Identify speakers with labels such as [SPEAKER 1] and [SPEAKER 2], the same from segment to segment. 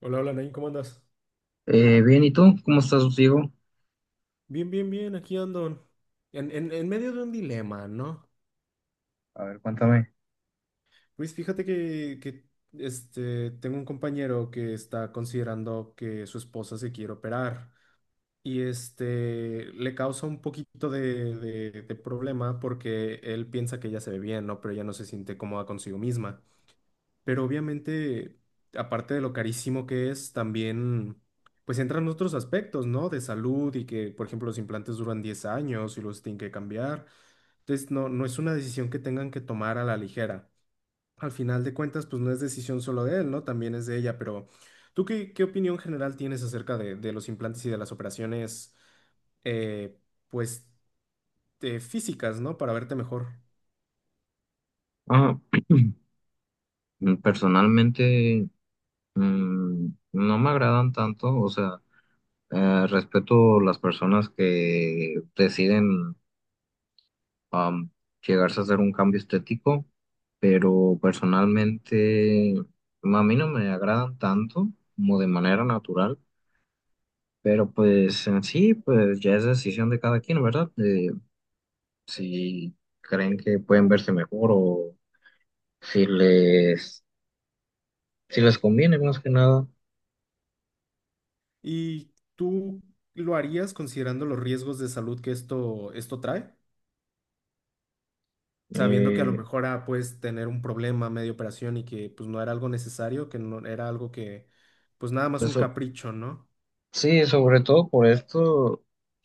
[SPEAKER 1] Hola, hola, Nain, ¿cómo andas?
[SPEAKER 2] Bien, ¿y tú? ¿Cómo estás, Diego?
[SPEAKER 1] Bien, bien, bien, aquí ando. En medio de un dilema, ¿no?
[SPEAKER 2] A ver, cuéntame.
[SPEAKER 1] Luis, fíjate que tengo un compañero que está considerando que su esposa se quiere operar y le causa un poquito de problema porque él piensa que ella se ve bien, ¿no? Pero ella no se siente cómoda consigo misma. Pero obviamente, aparte de lo carísimo que es, también pues entran otros aspectos, ¿no? De salud y que, por ejemplo, los implantes duran 10 años y los tienen que cambiar. Entonces, no, no es una decisión que tengan que tomar a la ligera. Al final de cuentas, pues no es decisión solo de él, ¿no? También es de ella, pero ¿tú qué opinión general tienes acerca de los implantes y de las operaciones, eh, pues, físicas, ¿no? Para verte mejor.
[SPEAKER 2] Ah, personalmente, mm, no me agradan tanto, o sea, respeto las personas que deciden am, llegarse a hacer un cambio estético, pero personalmente a mí no me agradan tanto como de manera natural, pero pues en sí, pues ya es decisión de cada quien, ¿verdad? De si creen que pueden verse mejor o si si les conviene más que nada.
[SPEAKER 1] ¿Y tú lo harías considerando los riesgos de salud que esto trae? Sabiendo que a lo
[SPEAKER 2] Eh,
[SPEAKER 1] mejor puedes tener un problema medio operación y que pues no era algo necesario, que no era algo que pues nada más un
[SPEAKER 2] eso,
[SPEAKER 1] capricho, ¿no?
[SPEAKER 2] sí, sobre todo por esto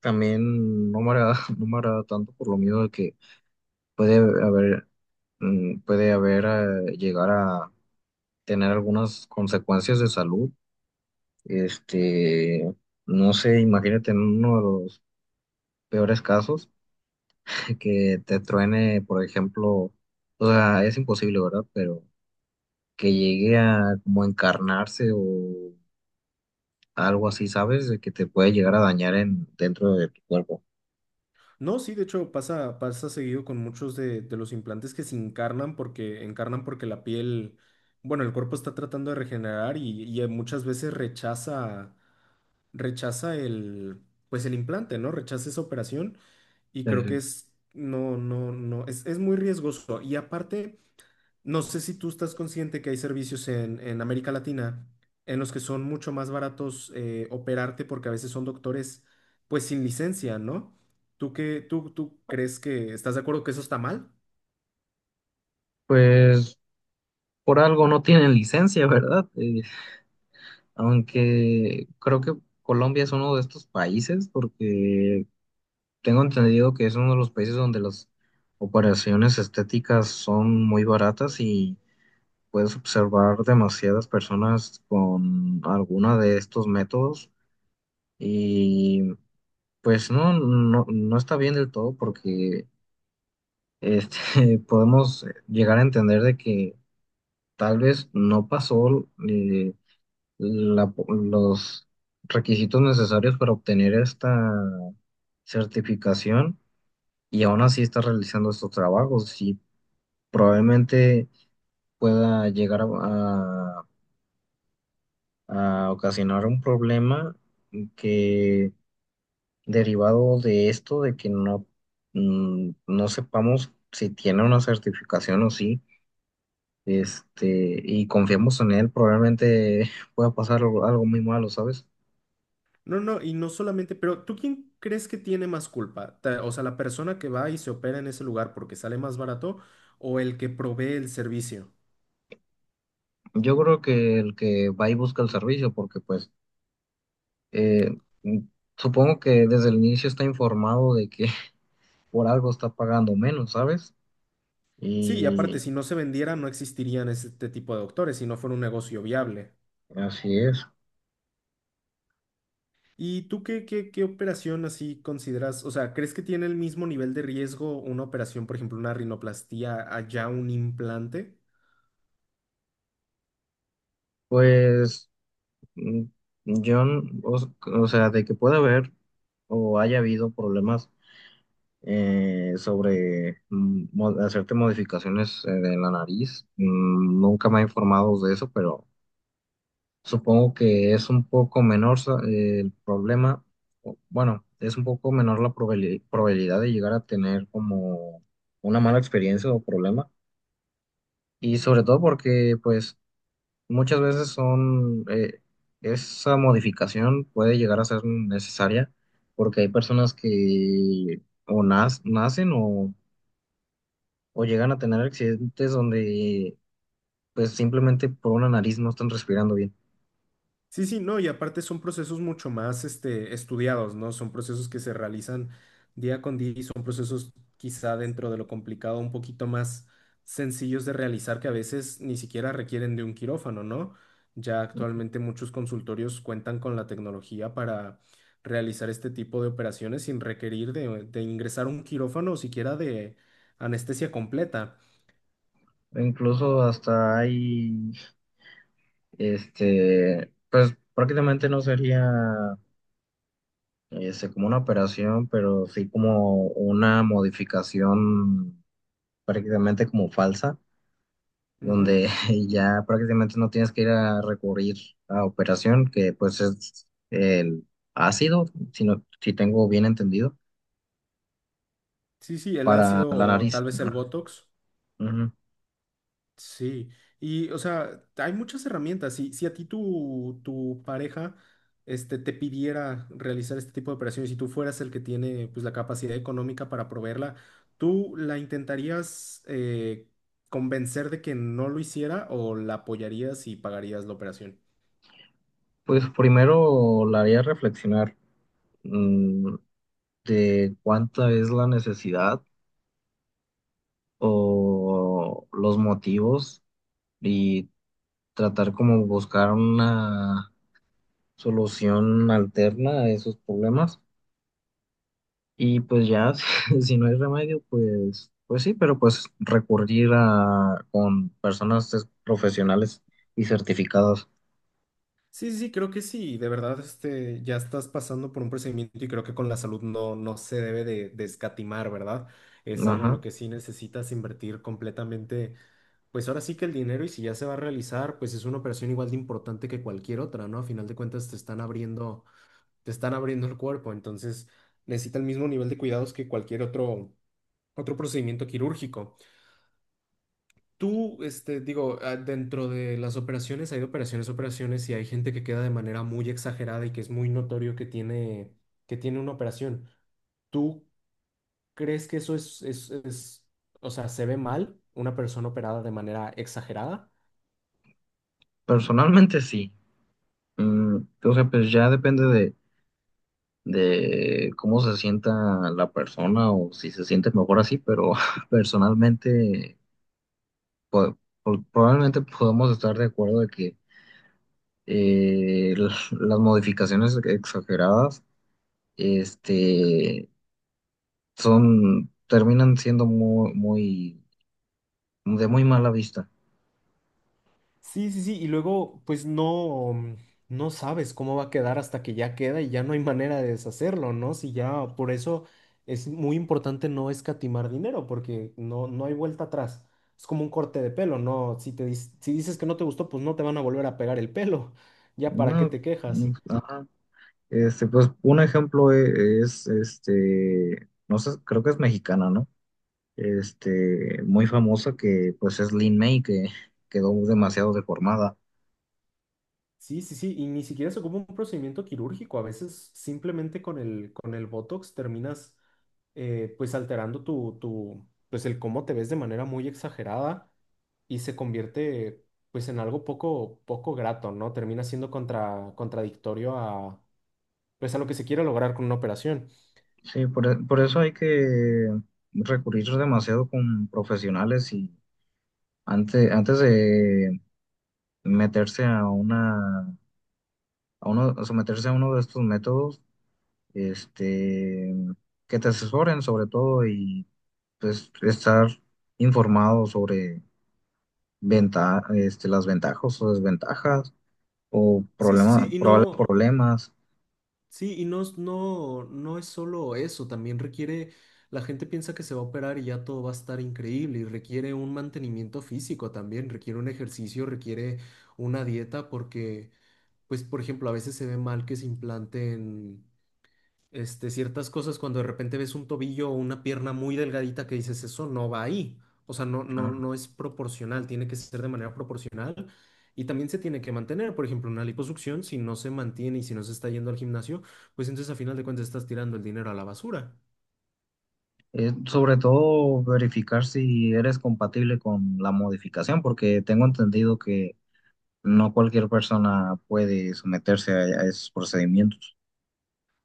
[SPEAKER 2] también no me agrada, no me agrada tanto por lo miedo de que puede haber, puede haber llegar a tener algunas consecuencias de salud. Este, no sé, imagínate en uno de los peores casos que te truene, por ejemplo, o sea, es imposible, ¿verdad? Pero que llegue a como encarnarse o algo así, ¿sabes? De que te puede llegar a dentro de tu cuerpo.
[SPEAKER 1] No, sí, de hecho pasa, pasa seguido con muchos de los implantes que se encarnan porque la piel, bueno, el cuerpo está tratando de regenerar y muchas veces rechaza, rechaza el, pues el implante, ¿no? Rechaza esa operación y creo que
[SPEAKER 2] Eh,
[SPEAKER 1] es, no, no, no, es muy riesgoso. Y aparte... No sé si tú estás consciente que hay servicios en América Latina en los que son mucho más baratos operarte porque a veces son doctores pues sin licencia, ¿no? ¿Tú qué, tú crees que estás de acuerdo que eso está mal?
[SPEAKER 2] pues por algo no tienen licencia, ¿verdad? Aunque creo que Colombia es uno de estos países porque tengo entendido que es uno de los países donde las operaciones estéticas son muy baratas y puedes observar demasiadas personas con alguna de estos métodos y pues no está bien del todo porque podemos llegar a entender de que tal vez no pasó los requisitos necesarios para obtener esta certificación y aún así está realizando estos trabajos y probablemente pueda llegar a ocasionar un problema que derivado de esto, de que no, no sepamos si tiene una certificación o sí. Y confiamos en él, probablemente pueda pasar algo muy malo, ¿sabes?
[SPEAKER 1] No, no, y no solamente, pero ¿tú quién crees que tiene más culpa? O sea, la persona que va y se opera en ese lugar porque sale más barato o el que provee el servicio.
[SPEAKER 2] Yo creo que el que va y busca el servicio, porque pues eh, mm, supongo que desde el inicio está informado de que por algo está pagando menos, ¿sabes?
[SPEAKER 1] Sí, y aparte,
[SPEAKER 2] Y
[SPEAKER 1] si no se vendiera, no existirían este tipo de doctores, si no fuera un negocio viable.
[SPEAKER 2] así es.
[SPEAKER 1] ¿Y tú qué operación así consideras? O sea, ¿crees que tiene el mismo nivel de riesgo una operación, por ejemplo, una rinoplastía, allá un implante?
[SPEAKER 2] Pues mm, yo, n- o, o sea, de que pueda haber o haya habido problemas sobre hacerte modificaciones de la nariz. Nunca me he informado de eso, pero supongo que es un poco menor el problema. Bueno, es un poco menor la probabilidad de llegar a tener como una mala experiencia o problema. Y sobre todo porque, pues, muchas veces son, esa modificación puede llegar a ser necesaria porque hay personas que o nacen o llegan a tener accidentes donde pues simplemente por una nariz no están respirando bien.
[SPEAKER 1] Sí, sí, no, y aparte son procesos mucho más estudiados, ¿no? Son procesos que se realizan día con día y son procesos quizá dentro de lo complicado un poquito más sencillos de realizar que a veces ni siquiera requieren de un quirófano, ¿no? Ya actualmente muchos consultorios cuentan con la tecnología para realizar este tipo de operaciones sin requerir de ingresar un quirófano o siquiera de anestesia completa.
[SPEAKER 2] O incluso hasta hay, pues prácticamente no sería como una operación, pero sí como una modificación prácticamente como falsa,
[SPEAKER 1] Ujú.
[SPEAKER 2] donde ya prácticamente no tienes que ir a recurrir a operación, que pues es el ácido, si, si tengo bien entendido,
[SPEAKER 1] Sí, sí, el
[SPEAKER 2] para
[SPEAKER 1] ácido
[SPEAKER 2] la
[SPEAKER 1] o
[SPEAKER 2] nariz.
[SPEAKER 1] tal vez el Botox.
[SPEAKER 2] Ujú.
[SPEAKER 1] Sí, y o sea, hay muchas herramientas. Si a ti tu pareja te pidiera realizar este tipo de operaciones y tú fueras el que tiene pues, la capacidad económica para proveerla, ¿tú la intentarías convencer de que no lo hiciera o la apoyarías y pagarías la operación?
[SPEAKER 2] Pues primero la haría reflexionar mm, de cuánta es la necesidad o los motivos y tratar como buscar una solución alterna a esos problemas. Y pues ya, si no hay remedio, pues, pues sí, pero pues recurrir a con personas profesionales y certificadas.
[SPEAKER 1] Sí, sí, creo que sí. De verdad, ya estás pasando por un procedimiento y creo que con la salud no, no se debe de escatimar, ¿verdad? Es algo en lo
[SPEAKER 2] Ajá.
[SPEAKER 1] que sí necesitas invertir completamente. Pues ahora sí que el dinero y si ya se va a realizar, pues es una operación igual de importante que cualquier otra, ¿no? A final de cuentas te están abriendo el cuerpo, entonces necesita el mismo nivel de cuidados que otro procedimiento quirúrgico. Tú, dentro de las operaciones hay de operaciones, a operaciones y hay gente que queda de manera muy exagerada y que es muy notorio que tiene una operación. ¿Tú crees que eso o sea, se ve mal una persona operada de manera exagerada?
[SPEAKER 2] Personalmente sí. Mm, o sea, pues ya depende de cómo se sienta la persona o si se siente mejor así, pero personalmente po- probablemente podemos estar de acuerdo de que las modificaciones exageradas este, son, terminan siendo muy, de muy mala vista.
[SPEAKER 1] Sí, sí, sí, y luego pues no, no sabes cómo va a quedar hasta que ya queda y ya no hay manera de deshacerlo, ¿no? Si ya, por eso es muy importante no escatimar dinero porque no, no hay vuelta atrás. Es como un corte de pelo, ¿no? Si te, si dices que no te gustó, pues no te van a volver a pegar el pelo. Ya para qué
[SPEAKER 2] No,
[SPEAKER 1] te
[SPEAKER 2] no,
[SPEAKER 1] quejas.
[SPEAKER 2] ajá. Pues un ejemplo es, este, no sé, creo que es mexicana, ¿no? Este, muy famosa que pues es Lin May, que quedó demasiado deformada.
[SPEAKER 1] Sí, sí, sí, y ni siquiera se ocupa un procedimiento quirúrgico. A veces simplemente con el Botox terminas pues alterando tu, pues el cómo te ves de manera muy exagerada y se convierte pues en algo poco grato, ¿no? Termina siendo contradictorio a, pues a lo que se quiere lograr con una operación.
[SPEAKER 2] Sí, por eso hay que recurrir demasiado con profesionales y antes de meterse a a someterse a uno de estos métodos, este, que te asesoren sobre todo y pues estar informado sobre este, las ventajas o desventajas o
[SPEAKER 1] Sí, sí,
[SPEAKER 2] probables problemas.
[SPEAKER 1] sí, y no, no, no es solo eso, también requiere, la gente piensa que se va a operar y ya todo va a estar increíble, y requiere un mantenimiento físico también, requiere un ejercicio, requiere una dieta, porque, pues, por ejemplo, a veces se ve mal que se implanten ciertas cosas cuando de repente ves un tobillo o una pierna muy delgadita que dices, eso no va ahí. O sea, no, no, no es proporcional, tiene que ser de manera proporcional y también se tiene que mantener. Por ejemplo, una liposucción, si no se mantiene y si no se está yendo al gimnasio, pues entonces a final de cuentas estás tirando el dinero a la basura.
[SPEAKER 2] Sobre todo verificar si eres compatible con la modificación, porque tengo entendido que no cualquier persona puede someterse a esos procedimientos.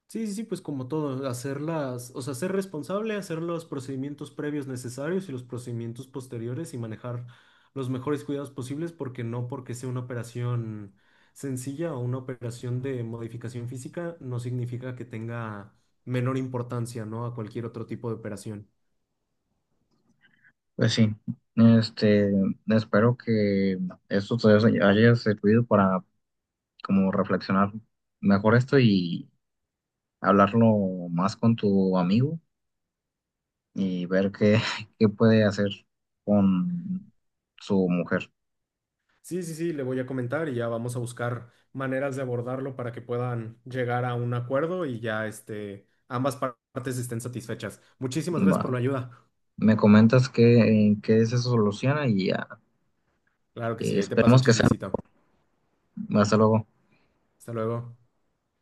[SPEAKER 1] Sí, sí, sí, pues como todo, hacerlas, o sea, ser responsable, hacer los procedimientos previos necesarios y los procedimientos posteriores y manejar los mejores cuidados posibles, porque no porque sea una operación sencilla o una operación de modificación física, no significa que tenga menor importancia, ¿no? A cualquier otro tipo de operación.
[SPEAKER 2] Pues sí, este, espero que esto te haya servido para como reflexionar mejor esto y hablarlo más con tu amigo y ver qué, qué puede hacer con su mujer.
[SPEAKER 1] Sí, sí, sí, le voy a comentar y ya vamos a buscar maneras de abordarlo para que puedan llegar a un acuerdo y ya ambas partes estén satisfechas. Muchísimas
[SPEAKER 2] Va.
[SPEAKER 1] gracias por la ayuda.
[SPEAKER 2] Me comentas en qué se soluciona y ya.
[SPEAKER 1] Claro que
[SPEAKER 2] Y
[SPEAKER 1] sí, ahí te paso el
[SPEAKER 2] esperemos que sean.
[SPEAKER 1] chismecito.
[SPEAKER 2] Hasta luego.
[SPEAKER 1] Hasta luego.